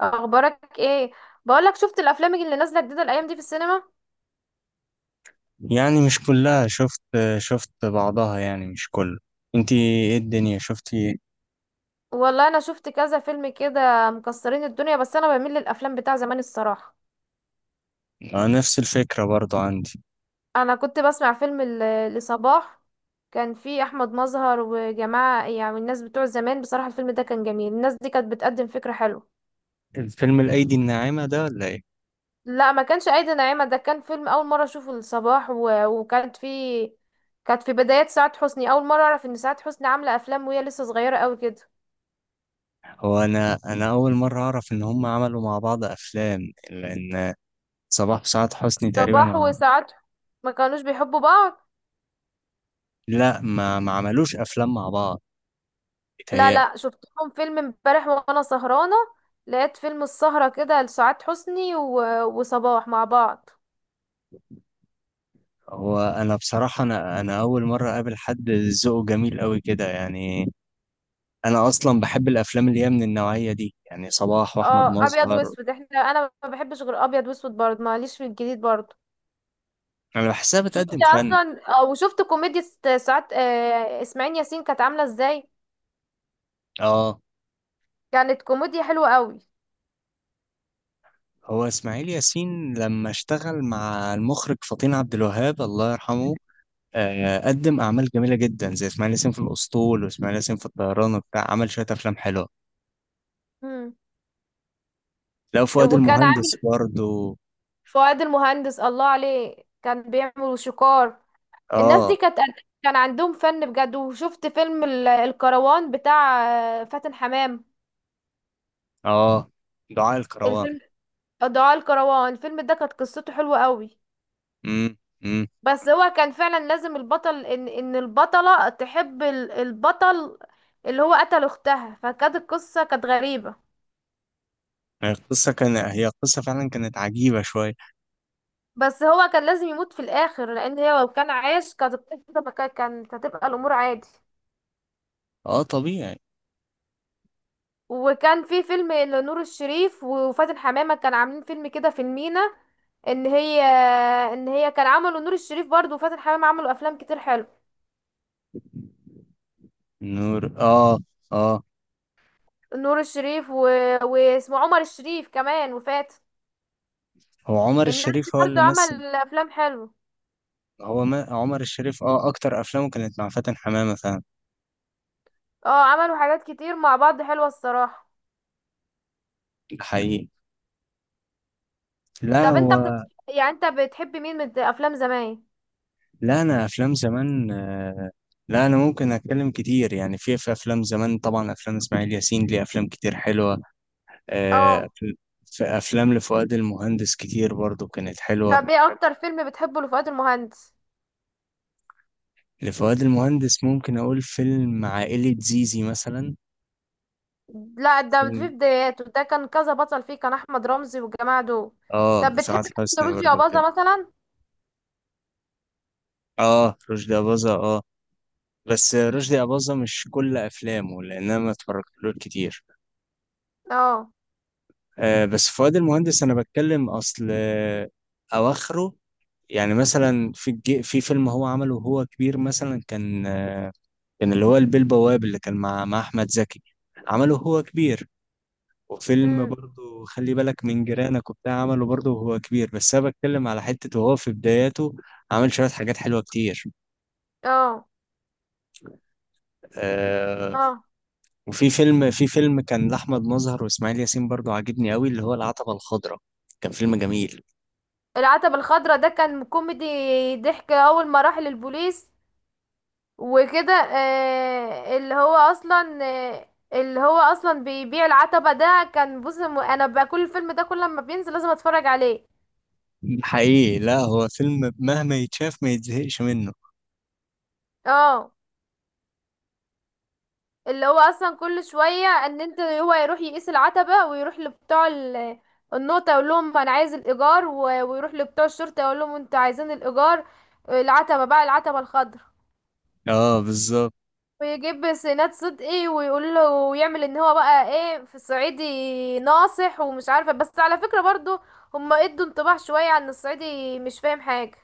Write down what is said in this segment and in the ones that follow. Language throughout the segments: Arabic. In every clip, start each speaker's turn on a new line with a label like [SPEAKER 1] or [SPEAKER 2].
[SPEAKER 1] اخبارك ايه؟ بقولك شفت الافلام اللي نازله جديده الايام دي في السينما؟
[SPEAKER 2] يعني مش كلها، شفت بعضها، يعني مش كله. انتي، ايه الدنيا؟ شفتي ايه؟
[SPEAKER 1] والله انا شفت كذا فيلم كده مكسرين الدنيا، بس انا بميل للافلام بتاع زمان الصراحه.
[SPEAKER 2] آه، نفس الفكرة برضو عندي.
[SPEAKER 1] انا كنت بسمع فيلم لصباح. كان فيه احمد مظهر وجماعه، يعني الناس بتوع زمان بصراحه الفيلم ده كان جميل، الناس دي كانت بتقدم فكره حلوه.
[SPEAKER 2] فيلم الأيدي الناعمة ده ولا ايه؟
[SPEAKER 1] لا، ما كانش ايدي ناعمه، ده كان فيلم اول مره اشوفه لصباح و... وكانت فيه، كانت في بدايات سعاد حسني، اول مره اعرف ان سعاد حسني عامله افلام وهي لسه صغيره قوي كده.
[SPEAKER 2] هو انا اول مرة اعرف ان هم عملوا مع بعض افلام، لان صباح وسعاد حسني تقريبا
[SPEAKER 1] صباح وسعد ما كانوش بيحبوا بعض.
[SPEAKER 2] لا، ما عملوش افلام مع بعض،
[SPEAKER 1] لا
[SPEAKER 2] بيتهيألي.
[SPEAKER 1] لا، شفت لهم فيلم امبارح وانا سهرانه، لقيت فيلم السهره كده لسعاد حسني و... وصباح مع بعض.
[SPEAKER 2] هو انا بصراحة، انا اول مرة اقابل حد ذوقه جميل قوي كده، يعني انا اصلا بحب الافلام اللي هي من النوعية دي، يعني صباح واحمد
[SPEAKER 1] اه ابيض
[SPEAKER 2] مظهر.
[SPEAKER 1] واسود، احنا انا ما بحبش غير ابيض واسود برضه، ماليش في الجديد برضه.
[SPEAKER 2] انا بحسها بتقدم
[SPEAKER 1] شفت
[SPEAKER 2] فن.
[SPEAKER 1] اصلا او شفت ساعات اسماعيل ياسين كانت عامله ازاي،
[SPEAKER 2] اه.
[SPEAKER 1] كانت كوميديا حلوه قوي.
[SPEAKER 2] هو اسماعيل ياسين لما اشتغل مع المخرج فطين عبد الوهاب الله يرحمه، قدم اعمال جميله جدا، زي اسماعيل ياسين في الاسطول، واسماعيل ياسين في الطيران وبتاع، عمل شويه افلام حلوه.
[SPEAKER 1] مم.
[SPEAKER 2] لو فؤاد
[SPEAKER 1] وكان
[SPEAKER 2] المهندس
[SPEAKER 1] عامل
[SPEAKER 2] برضو.
[SPEAKER 1] فؤاد المهندس الله عليه كان بيعمل شكار، الناس دي
[SPEAKER 2] اه.
[SPEAKER 1] كانت، كان عندهم فن بجد. وشفت فيلم الكروان بتاع فاتن حمام،
[SPEAKER 2] اه. دعاء الكروان.
[SPEAKER 1] الفيلم دعاء الكروان، الفيلم ده كانت قصته حلوة قوي.
[SPEAKER 2] امم. امم.
[SPEAKER 1] بس هو كان فعلا لازم البطل ان البطلة تحب البطل اللي هو قتل اختها، فكانت القصة كانت غريبة.
[SPEAKER 2] هي القصه فعلا كانت عجيبه شويه.
[SPEAKER 1] بس هو كان لازم يموت في الاخر، لان هي لو كان عايش كانت القصة ما كان- كانت هتبقى الامور عادي.
[SPEAKER 2] اه، طبيعي.
[SPEAKER 1] وكان في فيلم لنور الشريف وفاتن حمامة، كان عاملين فيلم كده في المينا، ان هي، كان عملوا نور الشريف برضو وفاتن حمامة عملوا افلام كتير حلو.
[SPEAKER 2] نور. اه. اه.
[SPEAKER 1] نور الشريف و... واسمه عمر الشريف كمان وفاتن،
[SPEAKER 2] هو عمر
[SPEAKER 1] الناس دي
[SPEAKER 2] الشريف هو
[SPEAKER 1] برضو
[SPEAKER 2] اللي مثل.
[SPEAKER 1] عمل افلام حلوه.
[SPEAKER 2] هو ما عمر الشريف، اكتر افلامه كانت مع فاتن حمامة فعلا.
[SPEAKER 1] اه عملوا حاجات كتير مع بعض حلوة الصراحة.
[SPEAKER 2] ده حقيقي. لا،
[SPEAKER 1] طب انت بتت...
[SPEAKER 2] هو.
[SPEAKER 1] يعني انت بتحب مين من افلام زمان؟
[SPEAKER 2] لا، انا افلام زمان. لا، انا ممكن اتكلم كتير، يعني في افلام زمان، طبعا افلام اسماعيل ياسين ليه افلام كتير حلوة آه،
[SPEAKER 1] اه.
[SPEAKER 2] في افلام لفؤاد المهندس كتير برضو كانت حلوة.
[SPEAKER 1] طب ايه اكتر فيلم بتحبه لفؤاد المهندس؟
[SPEAKER 2] لفؤاد المهندس ممكن اقول فيلم عائلة زيزي مثلا.
[SPEAKER 1] لا ده في
[SPEAKER 2] فيلم،
[SPEAKER 1] بداياته، ده كان كذا بطل فيه، كان احمد رمزي والجماعه دول.
[SPEAKER 2] اه
[SPEAKER 1] طب بتحب
[SPEAKER 2] وسعاد حسني
[SPEAKER 1] فيروز يا
[SPEAKER 2] برضو
[SPEAKER 1] بازا
[SPEAKER 2] كده.
[SPEAKER 1] مثلا؟
[SPEAKER 2] اه، رشدي أباظة. اه، بس رشدي أباظة مش كل أفلامه، لأن أنا ما اتفرجتلوش كتير
[SPEAKER 1] اه.
[SPEAKER 2] آه، بس فؤاد المهندس انا بتكلم، اصل. اواخره. يعني مثلا في فيلم هو عمله وهو كبير، مثلا كان اللي هو البيه البواب اللي كان مع احمد زكي، عمله هو كبير. وفيلم
[SPEAKER 1] امم.
[SPEAKER 2] برضه خلي بالك من جيرانك وبتاع، عمله برضه وهو كبير، بس انا بتكلم على حتة وهو في بداياته، عمل شوية حاجات حلوة كتير
[SPEAKER 1] اه.
[SPEAKER 2] آه،
[SPEAKER 1] اه.
[SPEAKER 2] وفي فيلم في فيلم كان لأحمد مظهر وإسماعيل ياسين برضه عاجبني قوي، اللي هو العتبة الخضراء، كان فيلم جميل.
[SPEAKER 1] العتبة الخضراء ده كان كوميدي، ضحك اول ما راح للبوليس وكده. اللي هو اصلا، اللي هو اصلا بيبيع العتبة ده كان انا بقى كل الفيلم ده كل لما بينزل لازم اتفرج عليه.
[SPEAKER 2] حقيقي، لا هو فيلم مهما يتشاف ما يتزهقش منه.
[SPEAKER 1] اه اللي هو اصلا كل شويه ان انت هو يروح يقيس العتبه ويروح لبتوع النقطه يقول لهم انا عايز الايجار. ويروح لبتوع الشرطه يقول لهم انتوا عايزين الايجار، العتبه بقى العتبه الخضراء.
[SPEAKER 2] اه، بالظبط.
[SPEAKER 1] ويجيب سناد صدقي ويقول له ويعمل ان هو بقى ايه في الصعيدي ناصح ومش عارفه. بس على فكره برضو، هما ادوا انطباع شويه عن الصعيدي مش فاهم حاجه.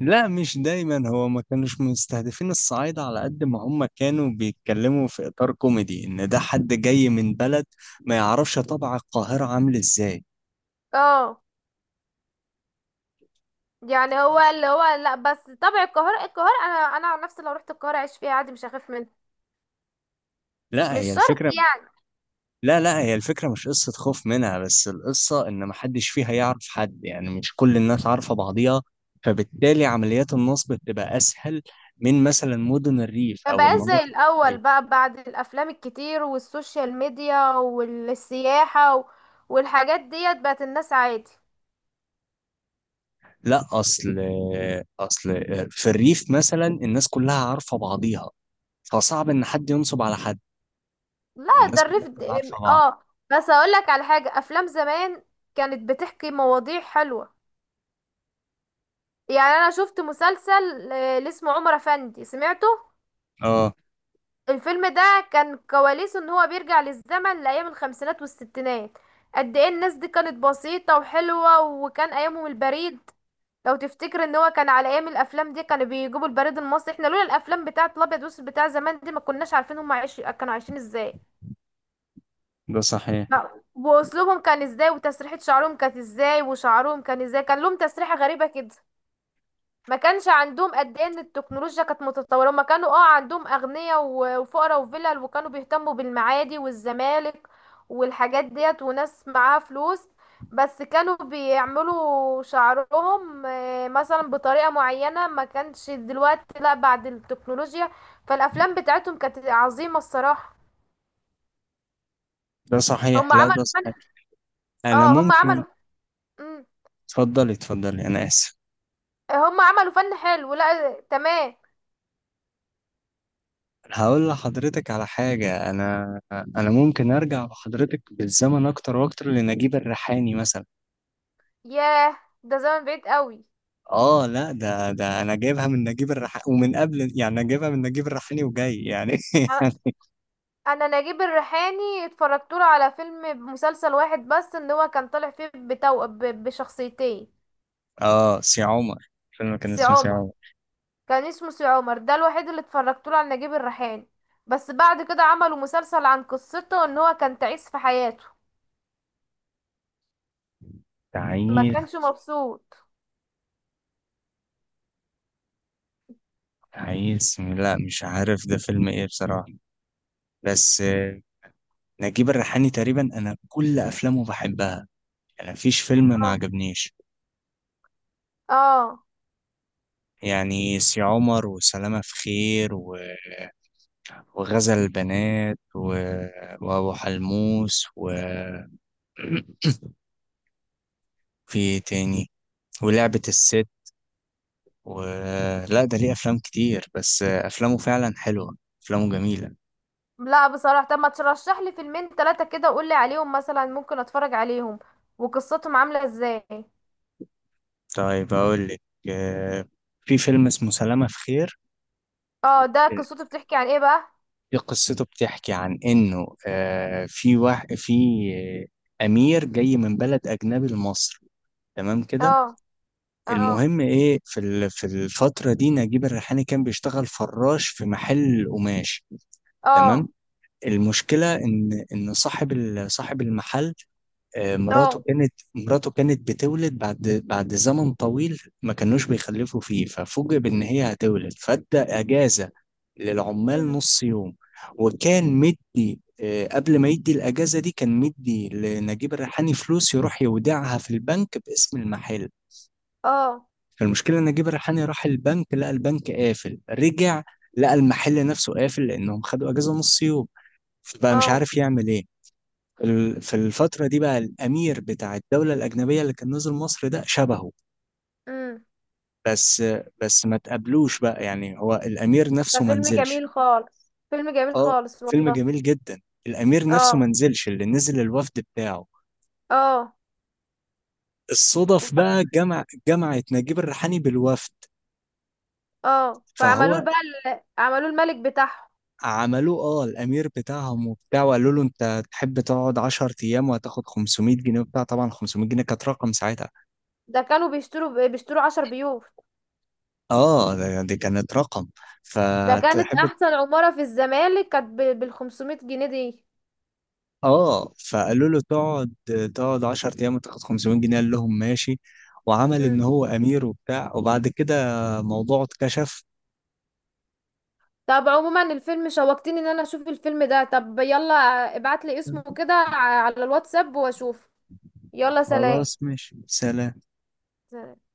[SPEAKER 2] لا، مش دايما، هو ما كانوش مستهدفين الصعايدة على قد ما هم كانوا بيتكلموا في إطار كوميدي، إن ده حد جاي من بلد ما يعرفش طبع القاهرة عامل إزاي.
[SPEAKER 1] اه يعني هو اللي هو لا، بس طبع القاهره، القاهره انا انا عن نفسي لو رحت القاهره اعيش فيها عادي مش هخاف منها،
[SPEAKER 2] لا،
[SPEAKER 1] مش
[SPEAKER 2] هي
[SPEAKER 1] شرط
[SPEAKER 2] الفكرة.
[SPEAKER 1] يعني.
[SPEAKER 2] لا، لا، هي الفكرة مش قصة خوف منها، بس القصة إن محدش فيها يعرف حد، يعني مش كل الناس عارفة بعضيها، فبالتالي عمليات النصب بتبقى أسهل من مثلا مدن الريف
[SPEAKER 1] ما
[SPEAKER 2] أو
[SPEAKER 1] بقاش زي
[SPEAKER 2] المناطق.
[SPEAKER 1] الأول بقى بعد الأفلام الكتير والسوشيال ميديا والسياحة والحاجات ديت، بقت الناس عادي.
[SPEAKER 2] لا، اصل في الريف مثلا الناس كلها عارفه بعضيها، فصعب ان حد ينصب على حد.
[SPEAKER 1] لا
[SPEAKER 2] الناس كلها بتبقى عارفه بعض.
[SPEAKER 1] اه. بس أقولك على حاجة، أفلام زمان كانت بتحكي مواضيع حلوة. يعني أنا شفت مسلسل، اللي اسمه عمر أفندي، سمعته
[SPEAKER 2] اه.
[SPEAKER 1] الفيلم ده؟ كان كواليسه ان هو بيرجع للزمن لأيام الخمسينات والستينات، قد ايه الناس دي كانت بسيطة وحلوة، وكان أيامهم البريد. لو تفتكر ان هو كان على ايام الافلام دي كانوا بيجيبوا البريد المصري، احنا لولا الافلام بتاعه الابيض والاسود بتاع زمان دي ما كناش عارفين كانوا عايشين ازاي.
[SPEAKER 2] ده صحيح.
[SPEAKER 1] لا، واسلوبهم كان ازاي، وتسريحة شعرهم كانت ازاي، وشعرهم كان ازاي، كان لهم تسريحة غريبة كده. ما كانش عندهم قد ايه ان التكنولوجيا كانت متطوره. هما كانوا اه عندهم اغنياء وفقراء وفلل، وكانوا بيهتموا بالمعادي والزمالك والحاجات ديت، وناس معاها فلوس بس كانوا بيعملوا شعرهم مثلا بطريقه معينه، ما كانش دلوقتي لا بعد التكنولوجيا. فالافلام بتاعتهم كانت عظيمه الصراحه،
[SPEAKER 2] ده صحيح.
[SPEAKER 1] هما
[SPEAKER 2] لا،
[SPEAKER 1] عملوا
[SPEAKER 2] ده
[SPEAKER 1] فن.
[SPEAKER 2] صحيح. انا
[SPEAKER 1] اه هما
[SPEAKER 2] ممكن.
[SPEAKER 1] عملوا. مم.
[SPEAKER 2] اتفضلي، اتفضلي، انا اسف.
[SPEAKER 1] هما عملوا فن حلو. لا تمام.
[SPEAKER 2] هقول لحضرتك على حاجه. انا ممكن ارجع بحضرتك بالزمن اكتر واكتر، لنجيب الريحاني مثلا.
[SPEAKER 1] ياه، ده زمن بعيد قوي.
[SPEAKER 2] اه، لا ده انا جايبها من نجيب الريحاني ومن قبل، يعني انا جايبها من نجيب الريحاني وجاي يعني.
[SPEAKER 1] انا نجيب الريحاني اتفرجت له على فيلم مسلسل واحد بس، ان هو كان طالع فيه بشخصيتين.
[SPEAKER 2] اه، سي عمر، فيلم كان
[SPEAKER 1] سي
[SPEAKER 2] اسمه سي
[SPEAKER 1] عمر،
[SPEAKER 2] عمر.
[SPEAKER 1] كان اسمه سي عمر، ده الوحيد اللي اتفرجت له على نجيب الريحاني. بس بعد كده عملوا مسلسل عن قصته ان هو كان تعيس في حياته، ما
[SPEAKER 2] تعيس.
[SPEAKER 1] كانش مبسوط.
[SPEAKER 2] تعيس، لا، مش عارف ده فيلم ايه بصراحة. بس، نجيب الريحاني تقريبا انا كل افلامه بحبها، يعني مفيش فيلم ما
[SPEAKER 1] اه.
[SPEAKER 2] عجبنيش،
[SPEAKER 1] اه.
[SPEAKER 2] يعني سي عمر، وسلامة في خير، و... وغزل البنات، و... وابو حلموس، و في إيه تاني، ولعبة الست و... لا، ده ليه افلام كتير، بس، افلامه فعلا حلوة، افلامه جميلة.
[SPEAKER 1] لا بصراحة، طب ما ترشح لي فيلمين ثلاثة كده وقول لي عليهم مثلا ممكن اتفرج عليهم وقصتهم عاملة ازاي.
[SPEAKER 2] طيب اقول لك آه، في فيلم اسمه سلامة في خير.
[SPEAKER 1] اه ده قصته بتحكي عن ايه بقى؟
[SPEAKER 2] هي قصته بتحكي عن انه في واحد، في آه، امير جاي من بلد اجنبي لمصر، تمام كده.
[SPEAKER 1] اه. اه.
[SPEAKER 2] المهم ايه، في الفتره دي نجيب الريحاني كان بيشتغل فراش في محل قماش، تمام.
[SPEAKER 1] اه.
[SPEAKER 2] المشكله ان صاحب المحل، مراته
[SPEAKER 1] اه.
[SPEAKER 2] كانت مراته كانت بتولد، بعد زمن طويل ما كانوش بيخلفوا فيه، ففوجئ بان هي هتولد، فادى اجازه للعمال
[SPEAKER 1] مم.
[SPEAKER 2] نص يوم. وكان مدي، قبل ما يدي الاجازه دي، كان مدي لنجيب الريحاني فلوس يروح يودعها في البنك باسم المحل.
[SPEAKER 1] اه.
[SPEAKER 2] فالمشكله إن نجيب الريحاني راح البنك لقى البنك قافل، رجع لقى المحل نفسه قافل، لانهم خدوا اجازه نص يوم، فبقى مش
[SPEAKER 1] اه.
[SPEAKER 2] عارف يعمل ايه. في الفترة دي بقى الأمير بتاع الدولة الأجنبية اللي كان نزل مصر ده شبهه.
[SPEAKER 1] امم.
[SPEAKER 2] بس بس ما تقابلوش بقى، يعني هو الأمير نفسه ما
[SPEAKER 1] ففيلم
[SPEAKER 2] نزلش.
[SPEAKER 1] جميل خالص، فيلم جميل
[SPEAKER 2] اه،
[SPEAKER 1] خالص
[SPEAKER 2] فيلم
[SPEAKER 1] والله.
[SPEAKER 2] جميل جدا. الأمير نفسه ما
[SPEAKER 1] اه.
[SPEAKER 2] نزلش، اللي نزل الوفد بتاعه.
[SPEAKER 1] اه.
[SPEAKER 2] الصدف
[SPEAKER 1] وب-
[SPEAKER 2] بقى جمعت نجيب الريحاني بالوفد،
[SPEAKER 1] اه فعملوه
[SPEAKER 2] فهو
[SPEAKER 1] بقى عملوه الملك بتاعهم.
[SPEAKER 2] عملوه، الأمير بتاعهم وبتاع، وقالوا له أنت تحب تقعد 10 أيام وهتاخد 500 جنيه وبتاع، طبعا 500 جنيه كانت رقم ساعتها.
[SPEAKER 1] ده كانوا بيشتروا 10 بيوت،
[SPEAKER 2] اه. دي كانت رقم.
[SPEAKER 1] ده كانت
[SPEAKER 2] فتحب.
[SPEAKER 1] احسن عمارة في الزمالك كانت بالـ500 جنيه دي.
[SPEAKER 2] اه، فقالوا له تقعد 10 ايام وتاخد 500 جنيه. قال لهم ماشي، وعمل ان
[SPEAKER 1] امم.
[SPEAKER 2] هو امير وبتاع، وبعد كده موضوعه اتكشف.
[SPEAKER 1] طب عموما الفيلم شوقتني ان انا اشوف الفيلم ده. طب يلا ابعت لي اسمه كده على الواتساب واشوف. يلا سلام.
[SPEAKER 2] خلاص، ماشي، سلام.